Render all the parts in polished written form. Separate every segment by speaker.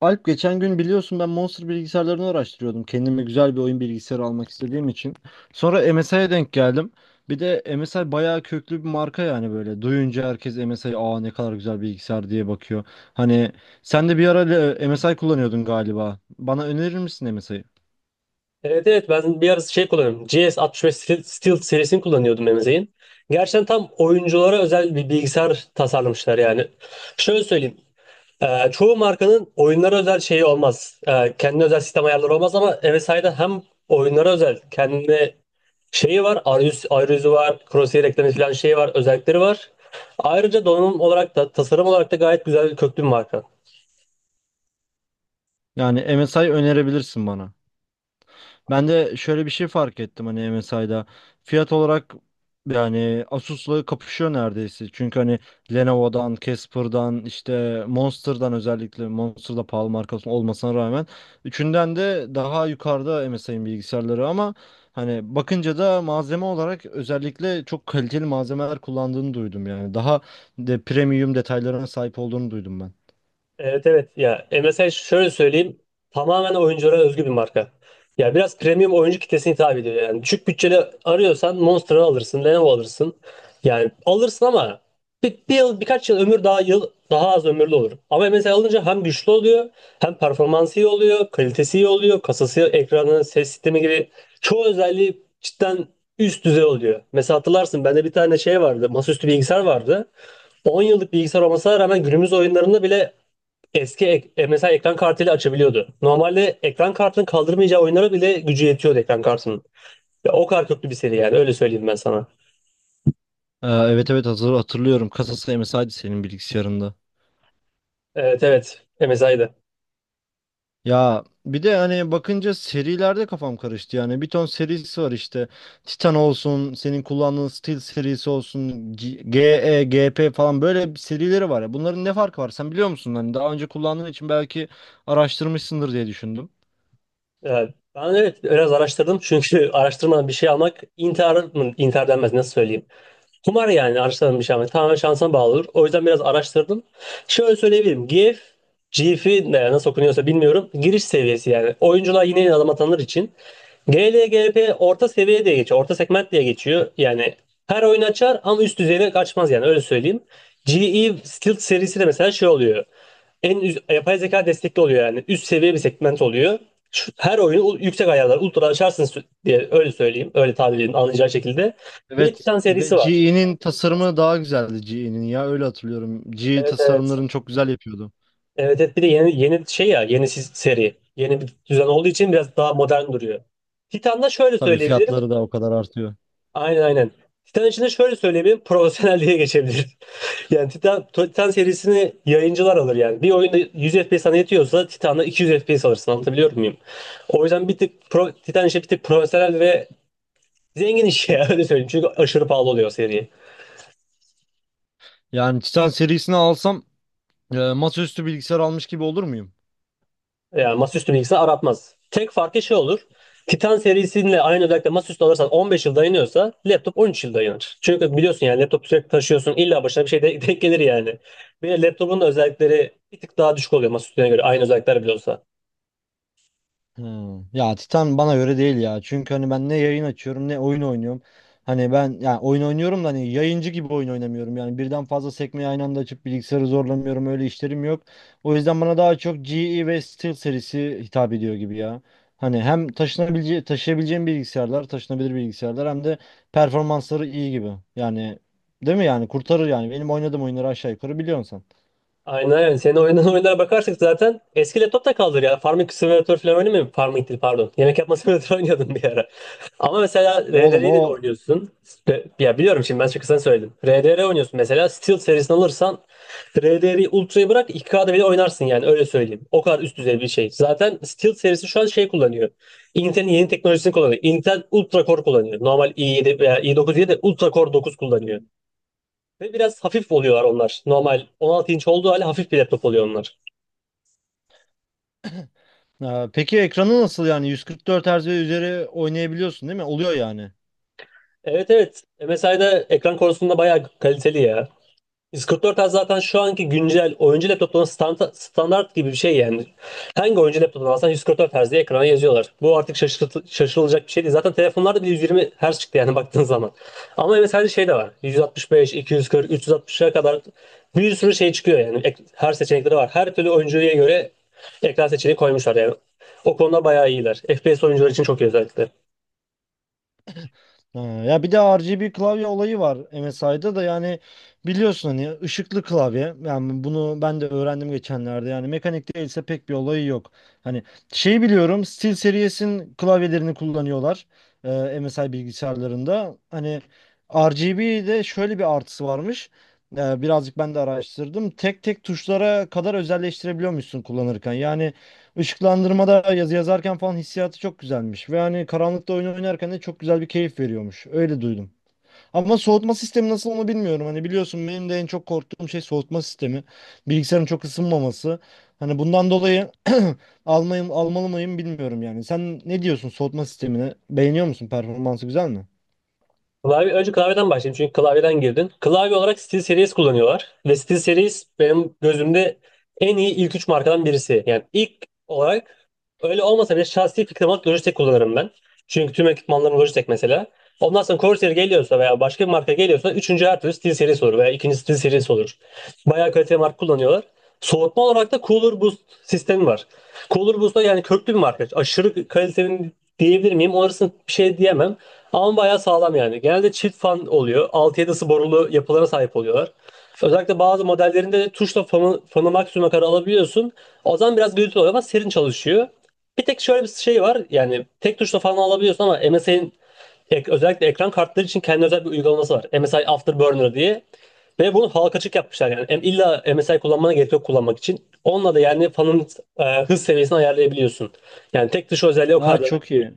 Speaker 1: Alp, geçen gün biliyorsun ben Monster bilgisayarlarını araştırıyordum. Kendime güzel bir oyun bilgisayarı almak istediğim için. Sonra MSI'ye denk geldim. Bir de MSI bayağı köklü bir marka yani böyle. Duyunca herkes MSI aa ne kadar güzel bilgisayar diye bakıyor. Hani sen de bir ara MSI kullanıyordun galiba. Bana önerir misin MSI'yi?
Speaker 2: Evet evet ben bir ara şey kullanıyorum. GS65 Steel serisini kullanıyordum Emze'in. Gerçekten tam oyunculara özel bir bilgisayar tasarlamışlar yani. Şöyle söyleyeyim. Çoğu markanın oyunlara özel şeyi olmaz. Kendine özel sistem ayarları olmaz ama MSI'da hem oyunlara özel kendine şeyi var. Arayüzü var. Crosshair eklemesi falan şeyi var. Özellikleri var. Ayrıca donanım olarak da tasarım olarak da gayet güzel bir köklü bir marka.
Speaker 1: Yani MSI önerebilirsin bana. Ben de şöyle bir şey fark ettim hani MSI'da. Fiyat olarak yani Asus'la kapışıyor neredeyse. Çünkü hani Lenovo'dan, Casper'dan, işte Monster'dan, özellikle Monster da pahalı markası olmasına rağmen üçünden de daha yukarıda MSI'nin bilgisayarları, ama hani bakınca da malzeme olarak özellikle çok kaliteli malzemeler kullandığını duydum yani. Daha de premium detaylarına sahip olduğunu duydum ben.
Speaker 2: Evet evet ya mesela şöyle söyleyeyim, tamamen oyunculara özgü bir marka. Ya biraz premium oyuncu kitlesine hitap ediyor yani. Düşük bütçeli arıyorsan Monster'ı alırsın, Lenovo alırsın. Yani alırsın ama bir yıl, birkaç yıl ömür, daha yıl daha az ömürlü olur. Ama MSI alınca hem güçlü oluyor, hem performansı iyi oluyor, kalitesi iyi oluyor, kasası, ekranı, ses sistemi gibi çoğu özelliği cidden üst düzey oluyor. Mesela hatırlarsın bende bir tane şey vardı, masaüstü bilgisayar vardı. 10 yıllık bilgisayar olmasına rağmen günümüz oyunlarında bile mesela ekran kartıyla açabiliyordu. Normalde ekran kartının kaldırmayacağı oyunlara bile gücü yetiyordu ekran kartının. Ya o kadar köklü bir seri yani öyle söyleyeyim ben sana.
Speaker 1: Evet, evet, hazır hatırlıyorum. Kasası MSI'di senin bilgisayarında.
Speaker 2: Evet evet MSI'dı.
Speaker 1: Ya bir de hani bakınca serilerde kafam karıştı, yani bir ton serisi var işte. Titan olsun, senin kullandığın Steel serisi olsun, GE, GP falan böyle bir serileri var ya. Bunların ne farkı var, sen biliyor musun? Hani daha önce kullandığın için belki araştırmışsındır diye düşündüm.
Speaker 2: Ee, Ben evet biraz araştırdım çünkü araştırmadan bir şey almak intihar mı intihar denmez, nasıl söyleyeyim. Kumar yani, araştırmadan bir şey almak tamamen şansına bağlı olur. O yüzden biraz araştırdım. Şöyle söyleyebilirim. GIF'i nasıl okunuyorsa bilmiyorum. Giriş seviyesi yani. Oyuncular yine yeni adam atanlar için. GLGP orta seviye diye geçiyor. Orta segment diye geçiyor. Yani her oyun açar ama üst düzeyine kaçmaz yani öyle söyleyeyim. GE Skilled serisi de mesela şey oluyor. En üst, yapay zeka destekli oluyor yani. Üst seviye bir segment oluyor. Her oyunu yüksek ayarlar, ultra açarsınız diye, öyle söyleyeyim. Öyle tabir edin anlayacağı şekilde. Bir de
Speaker 1: Evet,
Speaker 2: Titan
Speaker 1: ve
Speaker 2: serisi var.
Speaker 1: GE'nin tasarımı daha güzeldi GE'nin. Ya öyle hatırlıyorum, GE
Speaker 2: Evet evet.
Speaker 1: tasarımlarını çok güzel yapıyordu.
Speaker 2: Evet evet bir de yeni şey ya, yeni seri. Yeni bir düzen olduğu için biraz daha modern duruyor. Titan'da şöyle
Speaker 1: Tabii
Speaker 2: söyleyebilirim.
Speaker 1: fiyatları da o kadar artıyor.
Speaker 2: Aynen aynen. Titan için de şöyle söyleyeyim, profesyonelliğe geçebilir. Yani Titan serisini yayıncılar alır yani. Bir oyunda 100 FPS sana yetiyorsa Titan'da 200 FPS alırsın. Anlatabiliyor muyum? O yüzden bir tık Titan işi bir tık profesyonel ve zengin iş ya, öyle söyleyeyim. Çünkü aşırı pahalı oluyor seri.
Speaker 1: Yani Titan serisini alsam, masaüstü bilgisayar almış gibi olur muyum?
Speaker 2: Yani masaüstü bilgisayar aratmaz. Tek farkı şey olur. Titan serisiyle aynı özellikle masaüstü alırsan 15 yıl dayanıyorsa, laptop 13 yıl dayanır. Çünkü biliyorsun yani laptop sürekli taşıyorsun, İlla başına bir şey denk gelir yani. Bir de laptopun da özellikleri bir tık daha düşük oluyor masaüstüne göre, aynı özellikler bile olsa.
Speaker 1: Hmm. Ya Titan bana göre değil ya. Çünkü hani ben ne yayın açıyorum ne oyun oynuyorum. Hani ben ya oyun oynuyorum da hani yayıncı gibi oyun oynamıyorum. Yani birden fazla sekmeyi aynı anda açıp bilgisayarı zorlamıyorum. Öyle işlerim yok. O yüzden bana daha çok GE ve Steel serisi hitap ediyor gibi ya. Hani hem taşıyabileceğim bilgisayarlar, taşınabilir bilgisayarlar, hem de performansları iyi gibi. Yani değil mi yani, kurtarır yani. Benim oynadığım oyunları aşağı yukarı biliyorsun sen.
Speaker 2: Aynen aynen. Senin oynadığın oyunlara bakarsak zaten eski laptop da kaldır ya. Farming Simulator falan oynamıyor musun? Farming değil pardon. Yemek yapma simülatörü oynuyordum bir ara. Ama mesela
Speaker 1: Oğlum
Speaker 2: RDR'yi de
Speaker 1: o.
Speaker 2: oynuyorsun. Ya biliyorum şimdi ben çok kısa söyledim. RDR oynuyorsun mesela. Steel serisini alırsan RDR'yi Ultra'yı bırak iki kda bile oynarsın yani öyle söyleyeyim. O kadar üst düzey bir şey. Zaten Steel serisi şu an şey kullanıyor. Intel'in yeni teknolojisini kullanıyor. Intel Ultra Core kullanıyor. Normal i7 veya i9 diye de Ultra Core 9 kullanıyor. Ve biraz hafif oluyorlar onlar. Normal 16 inç olduğu halde hafif bir laptop oluyor onlar.
Speaker 1: Ha, peki ekranı nasıl yani? 144 Hz ve üzeri oynayabiliyorsun değil mi? Oluyor yani.
Speaker 2: Evet evet. MSI'da ekran konusunda bayağı kaliteli ya. Discord zaten şu anki güncel oyuncu laptoplarının standart gibi bir şey yani. Hangi oyuncu laptopunu alsan 144 Hz diye ekrana yazıyorlar. Bu artık şaşırılacak bir şey değil. Zaten telefonlarda bile 120 Hz çıktı yani baktığın zaman. Ama evet her şey de var. Yüz altmış beş, 240, 360'a kadar bir sürü şey çıkıyor yani. Her seçenekleri var. Her türlü oyuncuya göre ekran seçeneği koymuşlar yani. O konuda bayağı iyiler. FPS oyuncular için çok iyi özellikle.
Speaker 1: Ha, ya bir de RGB klavye olayı var MSI'da da yani, biliyorsun hani, ışıklı klavye. Yani bunu ben de öğrendim geçenlerde. Yani mekanik değilse pek bir olayı yok. Hani şey biliyorum, SteelSeries'in klavyelerini kullanıyorlar e, MSI bilgisayarlarında. Hani RGB'de şöyle bir artısı varmış. Birazcık ben de araştırdım. Tek tek tuşlara kadar özelleştirebiliyormuşsun kullanırken. Yani Işıklandırmada yazı yazarken falan hissiyatı çok güzelmiş. Ve hani karanlıkta oyun oynarken de çok güzel bir keyif veriyormuş. Öyle duydum. Ama soğutma sistemi nasıl onu bilmiyorum. Hani biliyorsun, benim de en çok korktuğum şey soğutma sistemi. Bilgisayarın çok ısınmaması. Hani bundan dolayı almayım, almalı mıyım bilmiyorum yani. Sen ne diyorsun soğutma sistemine? Beğeniyor musun? Performansı güzel mi?
Speaker 2: Klavye, önce klavyeden başlayayım çünkü klavyeden girdin. Klavye olarak SteelSeries kullanıyorlar. Ve SteelSeries benim gözümde en iyi ilk üç markadan birisi. Yani ilk olarak öyle olmasa bile şahsi fikrim olarak Logitech kullanırım ben. Çünkü tüm ekipmanlarım Logitech mesela. Ondan sonra Corsair geliyorsa veya başka bir marka geliyorsa üçüncü her türlü SteelSeries olur veya ikinci SteelSeries olur. Bayağı kaliteli marka kullanıyorlar. Soğutma olarak da Cooler Boost sistemi var. Cooler Boost da yani köklü bir marka. Aşırı kaliteli diyebilir miyim? Orasını bir şey diyemem. Ama bayağı sağlam yani. Genelde çift fan oluyor. Altı 7 borulu yapılara sahip oluyorlar. Özellikle bazı modellerinde tuşla fanı maksimuma kadar alabiliyorsun. O zaman biraz gürültülü oluyor ama serin çalışıyor. Bir tek şöyle bir şey var. Yani tek tuşla fanı alabiliyorsun ama MSI'nin özellikle ekran kartları için kendi özel bir uygulaması var. MSI Afterburner diye. Ve bunu halka açık yapmışlar yani. İlla MSI kullanmana gerek yok kullanmak için. Onunla da yani fanın hız seviyesini ayarlayabiliyorsun. Yani tek tuş özelliği o
Speaker 1: Aa,
Speaker 2: kadar.
Speaker 1: çok iyi.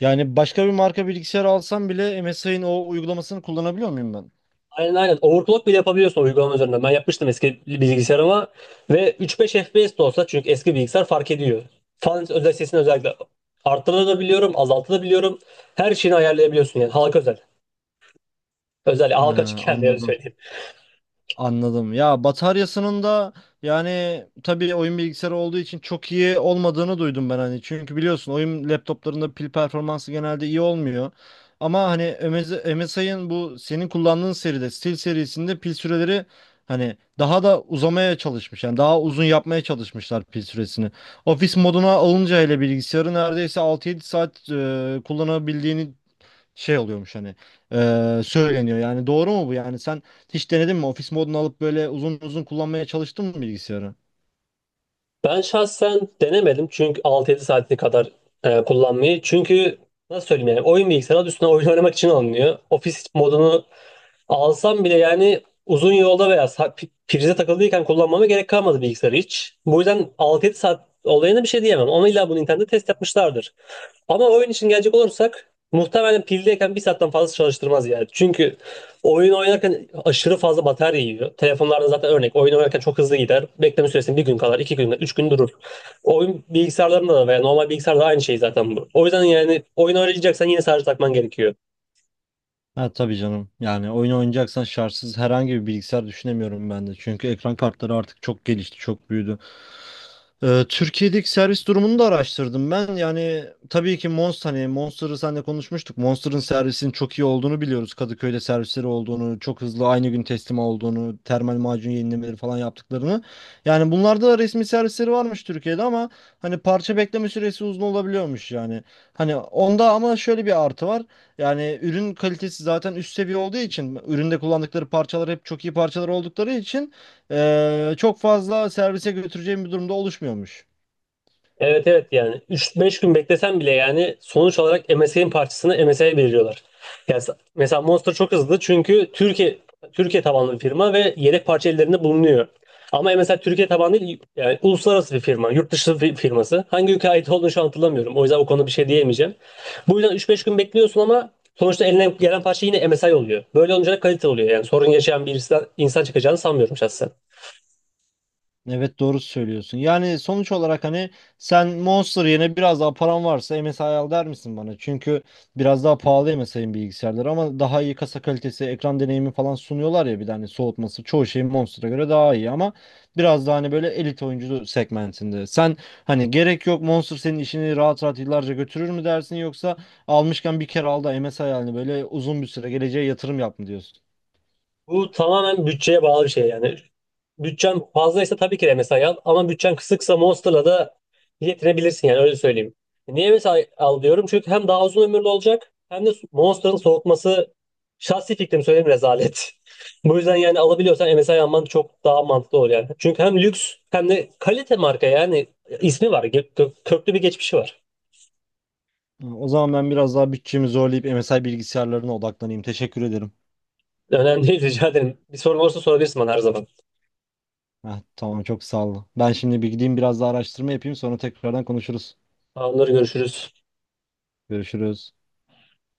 Speaker 1: Yani başka bir marka bilgisayar alsam bile MSI'nin o uygulamasını kullanabiliyor muyum ben?
Speaker 2: Aynen aynen. Overclock bile yapabiliyorsun uygulama üzerinden. Ben yapmıştım eski bilgisayarıma ve 3-5 FPS de olsa, çünkü eski bilgisayar fark ediyor. Fan özel sesini özellikle arttırabiliyorum, azaltabiliyorum. Her şeyini ayarlayabiliyorsun yani halka özel. Özel
Speaker 1: Ha,
Speaker 2: halka açık kendine, öyle
Speaker 1: anladım.
Speaker 2: söyleyeyim.
Speaker 1: Anladım. Ya bataryasının da yani, tabii oyun bilgisayarı olduğu için çok iyi olmadığını duydum ben hani. Çünkü biliyorsun oyun laptoplarında pil performansı genelde iyi olmuyor. Ama hani MSI'ın bu senin kullandığın seride, Steel serisinde, pil süreleri hani daha da uzamaya çalışmış. Yani daha uzun yapmaya çalışmışlar pil süresini. Ofis moduna alınca hele, bilgisayarı neredeyse 6-7 saat kullanabildiğini şey oluyormuş, hani söyleniyor yani. Doğru mu bu, yani sen hiç denedin mi ofis modunu, alıp böyle uzun uzun kullanmaya çalıştın mı bilgisayarı?
Speaker 2: Ben şahsen denemedim çünkü 6-7 saati kadar kullanmayı. Çünkü nasıl söyleyeyim yani, oyun bilgisayarı adı üstüne oyun oynamak için alınıyor. Ofis modunu alsam bile yani uzun yolda veya prize takıldıyken kullanmama gerek kalmadı bilgisayarı hiç. Bu yüzden 6-7 saat olayına bir şey diyemem. Onu illa bu Nintendo test yapmışlardır. Ama oyun için gelecek olursak muhtemelen pildeyken bir saatten fazla çalıştırmaz yani. Çünkü oyun oynarken aşırı fazla batarya yiyor. Telefonlarda zaten örnek oyun oynarken çok hızlı gider. Bekleme süresi bir gün kadar, 2 gün, 3 gün durur. Oyun bilgisayarlarında da veya normal bilgisayarda da aynı şey zaten bu. O yüzden yani oyun oynayacaksan yine sadece takman gerekiyor.
Speaker 1: Ha tabii canım, yani oyun oynayacaksan şartsız herhangi bir bilgisayar düşünemiyorum ben de, çünkü ekran kartları artık çok gelişti, çok büyüdü. Türkiye'deki servis durumunu da araştırdım ben. Yani tabii ki Monster, hani Monster'ı seninle konuşmuştuk. Monster'ın servisinin çok iyi olduğunu biliyoruz. Kadıköy'de servisleri olduğunu, çok hızlı aynı gün teslim olduğunu, termal macun yenilemeleri falan yaptıklarını. Yani bunlarda da resmi servisleri varmış Türkiye'de ama hani parça bekleme süresi uzun olabiliyormuş yani. Hani onda ama şöyle bir artı var. Yani ürün kalitesi zaten üst seviye olduğu için, üründe kullandıkları parçalar hep çok iyi parçalar oldukları için çok fazla servise götüreceğim bir durumda oluşmuyormuş.
Speaker 2: Evet evet yani 3-5 gün beklesen bile yani sonuç olarak M S MSI'nin parçasını MSI'ye veriyorlar. Yani mesela Monster çok hızlı çünkü Türkiye tabanlı bir firma ve yedek parça ellerinde bulunuyor. Ama mesela Türkiye tabanlı değil yani uluslararası bir firma, yurt dışı bir firması. Hangi ülkeye ait olduğunu şu an hatırlamıyorum. O yüzden o konuda bir şey diyemeyeceğim. Bu yüzden 3-5 gün bekliyorsun ama sonuçta eline gelen parça yine M S MSI oluyor. Böyle olunca da kalite oluyor. Yani sorun yaşayan bir insan çıkacağını sanmıyorum şahsen.
Speaker 1: Evet, doğru söylüyorsun. Yani sonuç olarak hani, sen Monster yerine biraz daha param varsa MSI al der misin bana? Çünkü biraz daha pahalı MSI'nin bilgisayarları, ama daha iyi kasa kalitesi, ekran deneyimi falan sunuyorlar ya. Bir de hani soğutması çoğu şey Monster'a göre daha iyi, ama biraz daha hani böyle elit oyuncu segmentinde. Sen hani gerek yok, Monster senin işini rahat rahat yıllarca götürür mü dersin, yoksa almışken bir kere al da MSI yani böyle uzun bir süre geleceğe yatırım yap mı diyorsun?
Speaker 2: Bu tamamen bütçeye bağlı bir şey yani. Bütçen fazlaysa tabii ki de MSI al ama bütçen kısıksa Monster'la da yetinebilirsin yani öyle söyleyeyim. Niye MSI al diyorum? Çünkü hem daha uzun ömürlü olacak hem de Monster'ın soğutması, şahsi fikrim söyleyeyim, rezalet. Bu yüzden yani alabiliyorsan MSI alman çok daha mantıklı olur yani. Çünkü hem lüks hem de kalite marka yani ismi var. Köklü bir geçmişi var.
Speaker 1: Ha, o zaman ben biraz daha bütçemi zorlayıp MSI bilgisayarlarına odaklanayım. Teşekkür ederim.
Speaker 2: Önemli değil rica ederim. Bir sorun olursa sorabilirsin bana her zaman.
Speaker 1: Heh, tamam, çok sağ ol. Ben şimdi bir gideyim, biraz daha araştırma yapayım, sonra tekrardan konuşuruz.
Speaker 2: Onları görüşürüz.
Speaker 1: Görüşürüz.